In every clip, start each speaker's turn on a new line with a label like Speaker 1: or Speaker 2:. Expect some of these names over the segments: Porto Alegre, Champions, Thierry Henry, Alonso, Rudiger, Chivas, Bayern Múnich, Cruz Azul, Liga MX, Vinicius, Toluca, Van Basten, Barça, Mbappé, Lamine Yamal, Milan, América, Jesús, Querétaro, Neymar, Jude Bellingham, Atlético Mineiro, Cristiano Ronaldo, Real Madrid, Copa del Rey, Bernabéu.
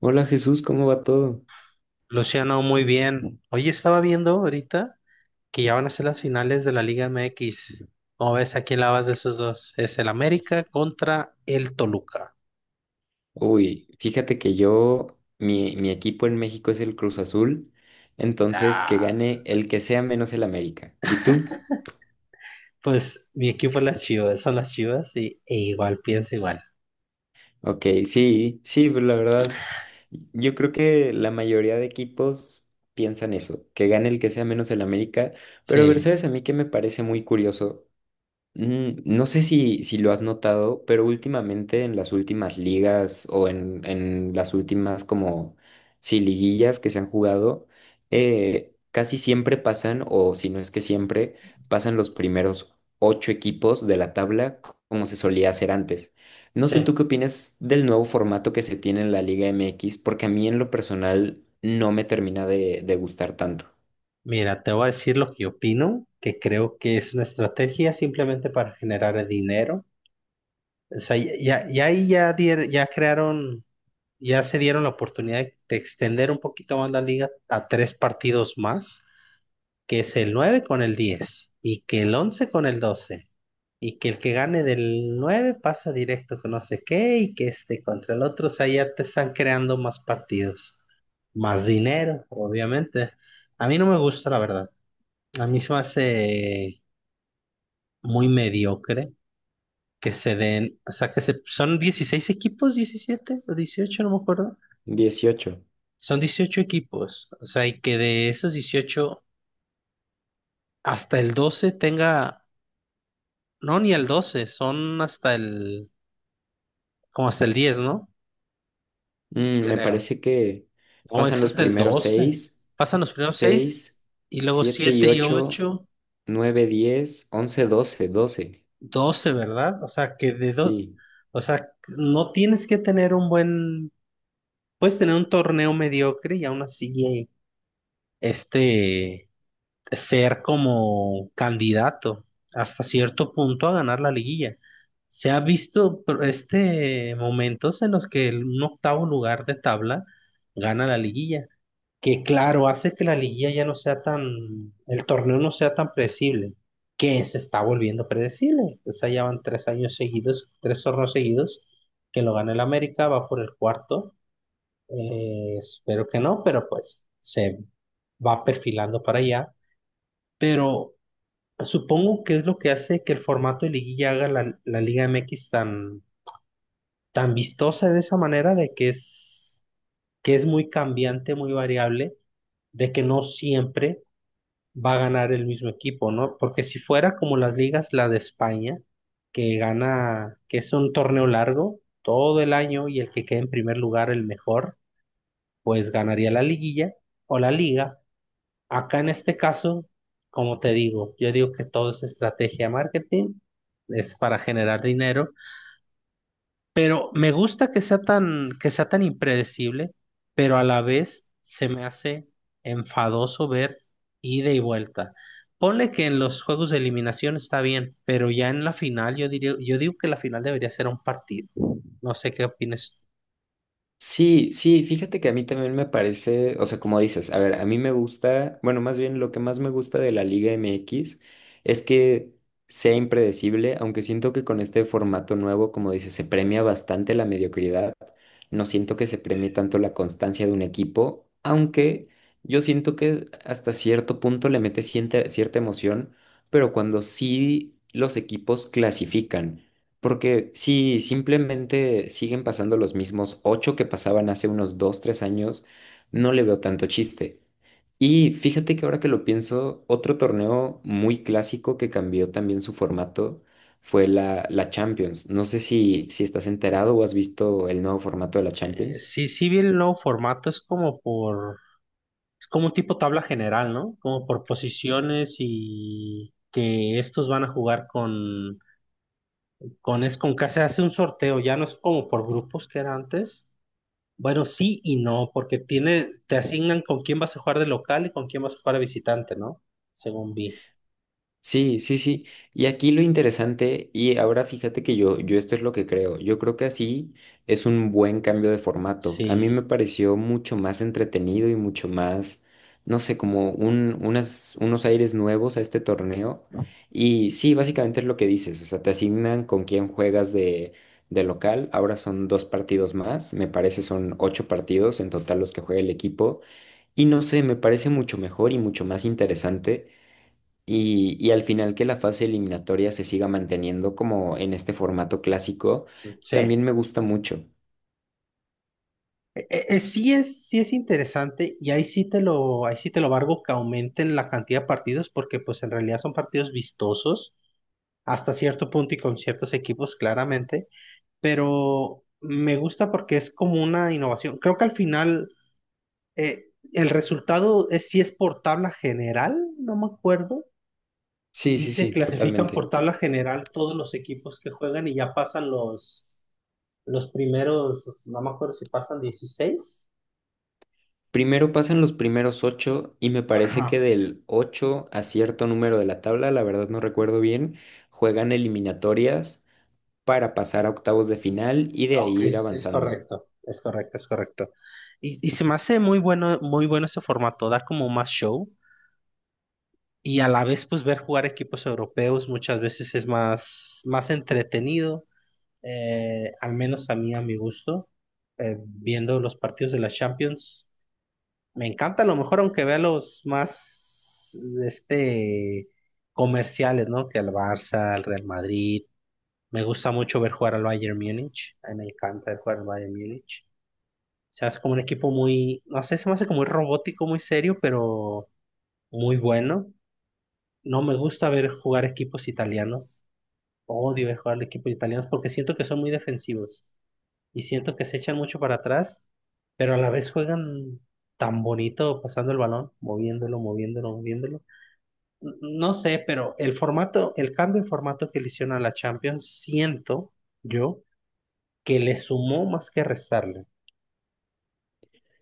Speaker 1: Hola Jesús, ¿cómo va todo?
Speaker 2: Luciano, muy bien. Hoy estaba viendo ahorita que ya van a ser las finales de la Liga MX. ¿Cómo ves? ¿A quién la vas de esos dos? Es el América contra el Toluca.
Speaker 1: Uy, fíjate que yo, mi equipo en México es el Cruz Azul, entonces que
Speaker 2: Ah,
Speaker 1: gane el que sea menos el América. ¿Y tú?
Speaker 2: pues mi equipo es las Chivas, son las Chivas y, e igual pienso igual.
Speaker 1: Ok, sí, sí, pero la verdad, yo creo que la mayoría de equipos piensan eso, que gane el que sea menos el América, pero a ver,
Speaker 2: Sí,
Speaker 1: ¿sabes a mí que me parece muy curioso? No sé si lo has notado, pero últimamente en las últimas ligas o en las últimas como sí, liguillas que se han jugado, casi siempre pasan, o si no es que siempre, pasan los primeros ocho equipos de la tabla como se solía hacer antes. No sé
Speaker 2: sí.
Speaker 1: tú qué opinas del nuevo formato que se tiene en la Liga MX, porque a mí en lo personal no me termina de gustar tanto.
Speaker 2: Mira, te voy a decir lo que opino, que creo que es una estrategia simplemente para generar dinero. O sea, ya ahí ya, ya crearon. Ya se dieron la oportunidad de extender un poquito más la liga a tres partidos más, que es el 9 con el 10 y que el 11 con el 12 y que el que gane del 9 pasa directo con no sé qué y que este contra el otro, o sea, ya te están creando más partidos, más dinero, obviamente. A mí no me gusta, la verdad. A mí se me hace muy mediocre que se den, o sea, que se, son 16 equipos, 17 o dieciocho, no me acuerdo.
Speaker 1: 18.
Speaker 2: Son 18 equipos, o sea, y que de esos 18 hasta el 12 tenga, no, ni el doce, son hasta el, como hasta el diez, ¿no?
Speaker 1: Mm, me
Speaker 2: Creo.
Speaker 1: parece que
Speaker 2: No,
Speaker 1: pasan
Speaker 2: es
Speaker 1: los
Speaker 2: hasta el
Speaker 1: primeros
Speaker 2: doce.
Speaker 1: 6.
Speaker 2: Pasan los primeros 6
Speaker 1: 6.
Speaker 2: y luego
Speaker 1: siete y
Speaker 2: 7 y
Speaker 1: ocho
Speaker 2: ocho,
Speaker 1: 9, 10, 11, 12 12.
Speaker 2: doce, ¿verdad? O sea, que de dos,
Speaker 1: Sí.
Speaker 2: o sea, no tienes que tener un buen, puedes tener un torneo mediocre y aún así, este, ser como candidato hasta cierto punto a ganar la liguilla. Se ha visto pero, este, momentos en los que un octavo lugar de tabla gana la liguilla, que claro, hace que la liguilla ya no sea tan, el torneo no sea tan predecible, que se está volviendo predecible. O sea, ya van tres años seguidos, tres torneos seguidos, que lo gana el América, va por el cuarto. Espero que no, pero pues se va perfilando para allá. Pero supongo que es lo que hace que el formato de liguilla haga la Liga MX tan, tan vistosa de esa manera, de que es muy cambiante, muy variable, de que no siempre va a ganar el mismo equipo, ¿no? Porque si fuera como las ligas, la de España, que gana, que es un torneo largo todo el año y el que quede en primer lugar, el mejor, pues ganaría la liguilla o la liga. Acá en este caso, como te digo, yo digo que todo es estrategia de marketing, es para generar dinero, pero me gusta que sea tan impredecible, pero a la vez se me hace enfadoso ver ida y vuelta. Ponle que en los juegos de eliminación está bien, pero ya en la final yo diría, yo digo que la final debería ser un partido. No sé qué opinas.
Speaker 1: Sí, sí, fíjate que a mí también me parece, o sea, como dices, a ver, a mí me gusta, bueno, más bien lo que más me gusta de la Liga MX es que sea impredecible, aunque siento que con este formato nuevo, como dices, se premia bastante la mediocridad, no siento que se premie tanto la constancia de un equipo, aunque yo siento que hasta cierto punto le mete cierta emoción, pero cuando sí los equipos clasifican. Porque si simplemente siguen pasando los mismos ocho que pasaban hace unos dos, tres años, no le veo tanto chiste. Y fíjate que ahora que lo pienso, otro torneo muy clásico que cambió también su formato fue la Champions. No sé si estás enterado o has visto el nuevo formato de la Champions.
Speaker 2: Sí, sí, vi el nuevo formato, es como por... Es como un tipo tabla general, ¿no? Como por posiciones y que estos van a jugar con es con que se hace un sorteo, ya no es como por grupos que era antes. Bueno, sí y no, porque tiene, te asignan con quién vas a jugar de local y con quién vas a jugar de visitante, ¿no? Según vi.
Speaker 1: Sí, sí, sí. Y aquí lo interesante, y ahora fíjate que yo esto es lo que creo. Yo creo que así es un buen cambio de formato. A mí me
Speaker 2: Sí,
Speaker 1: pareció mucho más entretenido y mucho más, no sé, como unos aires nuevos a este torneo. Y sí, básicamente es lo que dices. O sea, te asignan con quién juegas de local. Ahora son dos partidos más. Me parece son ocho partidos en total los que juega el equipo. Y no sé, me parece mucho mejor y mucho más interesante y al final que la fase eliminatoria se siga manteniendo como en este formato clásico, también
Speaker 2: sí.
Speaker 1: me gusta mucho.
Speaker 2: Sí es interesante y ahí sí te lo, ahí sí te lo valgo que aumenten la cantidad de partidos porque pues en realidad son partidos vistosos hasta cierto punto y con ciertos equipos claramente. Pero me gusta porque es como una innovación. Creo que al final el resultado es si es por tabla general, no me acuerdo.
Speaker 1: Sí,
Speaker 2: Si
Speaker 1: sí,
Speaker 2: se
Speaker 1: sí,
Speaker 2: clasifican por
Speaker 1: totalmente.
Speaker 2: tabla general todos los equipos que juegan y ya pasan los primeros, no me acuerdo si pasan dieciséis.
Speaker 1: Primero pasan los primeros ocho y me parece que
Speaker 2: Ajá,
Speaker 1: del ocho a cierto número de la tabla, la verdad no recuerdo bien, juegan eliminatorias para pasar a octavos de final y de
Speaker 2: ok,
Speaker 1: ahí ir
Speaker 2: es
Speaker 1: avanzando.
Speaker 2: correcto, es correcto, es correcto. Y se me hace muy bueno, muy bueno ese formato, da como más show. Y a la vez pues ver jugar equipos europeos muchas veces es más, más entretenido, al menos a mí, a mi gusto, viendo los partidos de la Champions. Me encanta a lo mejor aunque vea los más, este, comerciales, ¿no? Que al Barça, al Real Madrid. Me gusta mucho ver jugar al Bayern Múnich, a mí me encanta ver jugar al Bayern Múnich. Se hace como un equipo muy, no sé, se me hace como muy robótico, muy serio, pero muy bueno. No me gusta ver jugar equipos italianos. Odio ver jugar equipos italianos porque siento que son muy defensivos y siento que se echan mucho para atrás, pero a la vez juegan tan bonito pasando el balón, moviéndolo, moviéndolo, moviéndolo. No sé, pero el formato, el cambio de formato que le hicieron a la Champions, siento yo que le sumó más que restarle.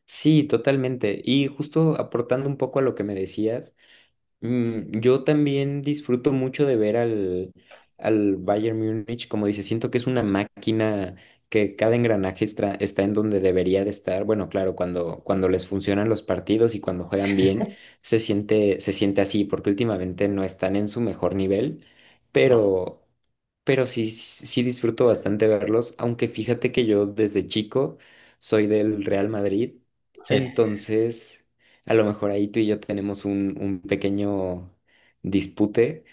Speaker 1: Sí, totalmente. Y justo aportando un poco a lo que me decías. Mm, yo también disfruto mucho de ver al, al Bayern Múnich, como dice, siento que es una máquina que cada engranaje está, está en donde debería de estar. Bueno, claro, cuando les funcionan los partidos y cuando juegan bien, se siente así, porque últimamente no están en su mejor nivel,
Speaker 2: No,
Speaker 1: pero, pero sí, sí disfruto bastante verlos, aunque fíjate que yo desde chico soy del Real Madrid,
Speaker 2: sí,
Speaker 1: entonces... A lo mejor ahí tú y yo tenemos un pequeño dispute.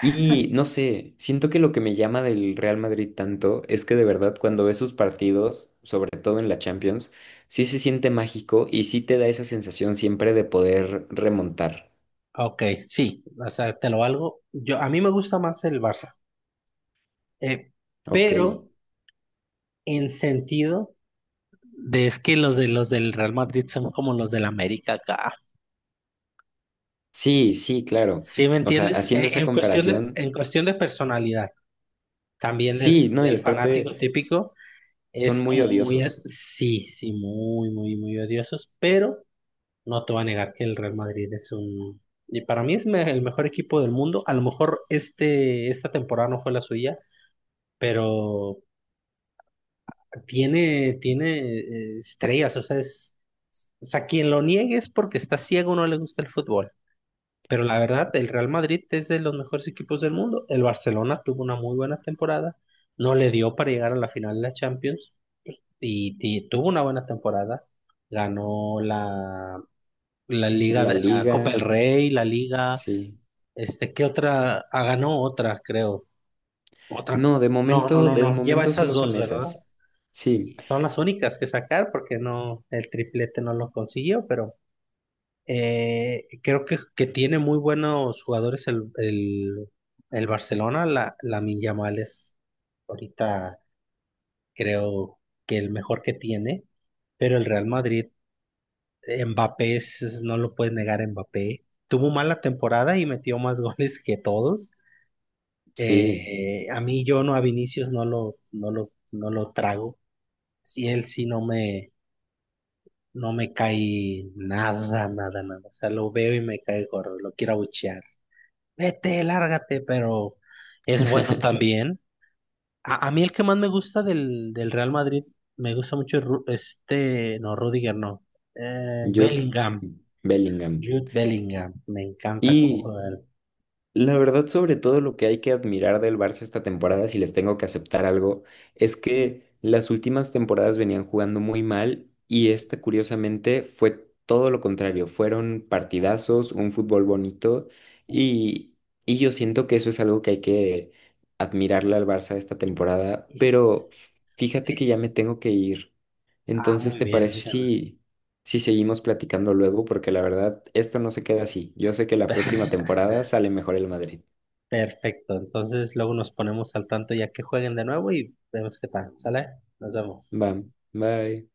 Speaker 1: Y no sé, siento que lo que me llama del Real Madrid tanto es que de verdad cuando ves sus partidos, sobre todo en la Champions, sí se siente mágico y sí te da esa sensación siempre de poder remontar.
Speaker 2: ok, sí, o sea, te lo valgo. Yo, a mí me gusta más el Barça, eh,
Speaker 1: Ok.
Speaker 2: pero en sentido. De es que los de los del Real Madrid son como los del América acá.
Speaker 1: Sí, sí, claro.
Speaker 2: ¿Sí me
Speaker 1: O sea,
Speaker 2: entiendes?
Speaker 1: haciendo esa comparación,
Speaker 2: En cuestión de personalidad, también del,
Speaker 1: sí, no, y
Speaker 2: del
Speaker 1: aparte
Speaker 2: fanático típico,
Speaker 1: son
Speaker 2: es
Speaker 1: muy
Speaker 2: como muy,
Speaker 1: odiosos.
Speaker 2: sí, sí, muy, muy, muy odiosos, pero no te voy a negar que el Real Madrid es un, y para mí es el mejor equipo del mundo. A lo mejor este, esta temporada no fue la suya, pero tiene, tiene estrellas, o sea, es, o sea, quien lo niegue es porque está ciego o no le gusta el fútbol. Pero la verdad, el Real Madrid es de los mejores equipos del mundo. El Barcelona tuvo una muy buena temporada, no le dio para llegar a la final de la Champions y tuvo una buena temporada. Ganó la, la Liga
Speaker 1: La
Speaker 2: de la Copa del
Speaker 1: liga,
Speaker 2: Rey, la Liga,
Speaker 1: sí.
Speaker 2: este, ¿qué otra? Ah, ganó otra, creo. Otra.
Speaker 1: No,
Speaker 2: No, no, no,
Speaker 1: de
Speaker 2: no. Lleva
Speaker 1: momento
Speaker 2: esas
Speaker 1: solo
Speaker 2: dos,
Speaker 1: son
Speaker 2: ¿verdad?
Speaker 1: esas. Sí.
Speaker 2: Y son las únicas que sacar porque no, el triplete no lo consiguió, pero... creo que tiene muy buenos jugadores el Barcelona, la, Lamine Yamal es ahorita creo que el mejor que tiene, pero el Real Madrid, Mbappé, no lo puedes negar, Mbappé tuvo mala temporada y metió más goles que todos.
Speaker 1: Sí.
Speaker 2: A mí yo no, a Vinicius no lo, no lo, no lo trago. Si él sí no me, no me cae nada, nada, nada. O sea, lo veo y me cae gordo, lo quiero abuchear. Vete, lárgate, pero es bueno también. A mí el que más me gusta del, del Real Madrid, me gusta mucho este, no, Rudiger no,
Speaker 1: Jude
Speaker 2: Bellingham,
Speaker 1: Bellingham.
Speaker 2: Jude Bellingham, me encanta cómo
Speaker 1: Y
Speaker 2: juega él.
Speaker 1: la verdad, sobre todo lo que hay que admirar del Barça esta temporada, si les tengo que aceptar algo, es que las últimas temporadas venían jugando muy mal y esta, curiosamente, fue todo lo contrario. Fueron partidazos, un fútbol bonito y, y yo siento que eso es algo que hay que admirarle al Barça esta
Speaker 2: Y-
Speaker 1: temporada,
Speaker 2: y
Speaker 1: pero fíjate que ya
Speaker 2: sí.
Speaker 1: me tengo que ir.
Speaker 2: Ah,
Speaker 1: Entonces,
Speaker 2: muy
Speaker 1: ¿te
Speaker 2: bien,
Speaker 1: parece
Speaker 2: Luciano.
Speaker 1: si, si seguimos platicando luego? Porque la verdad, esto no se queda así. Yo sé que la próxima temporada sale mejor el Madrid.
Speaker 2: Perfecto, entonces luego nos ponemos al tanto ya que jueguen de nuevo y vemos qué tal, ¿sale? Nos vemos.
Speaker 1: Va, bye.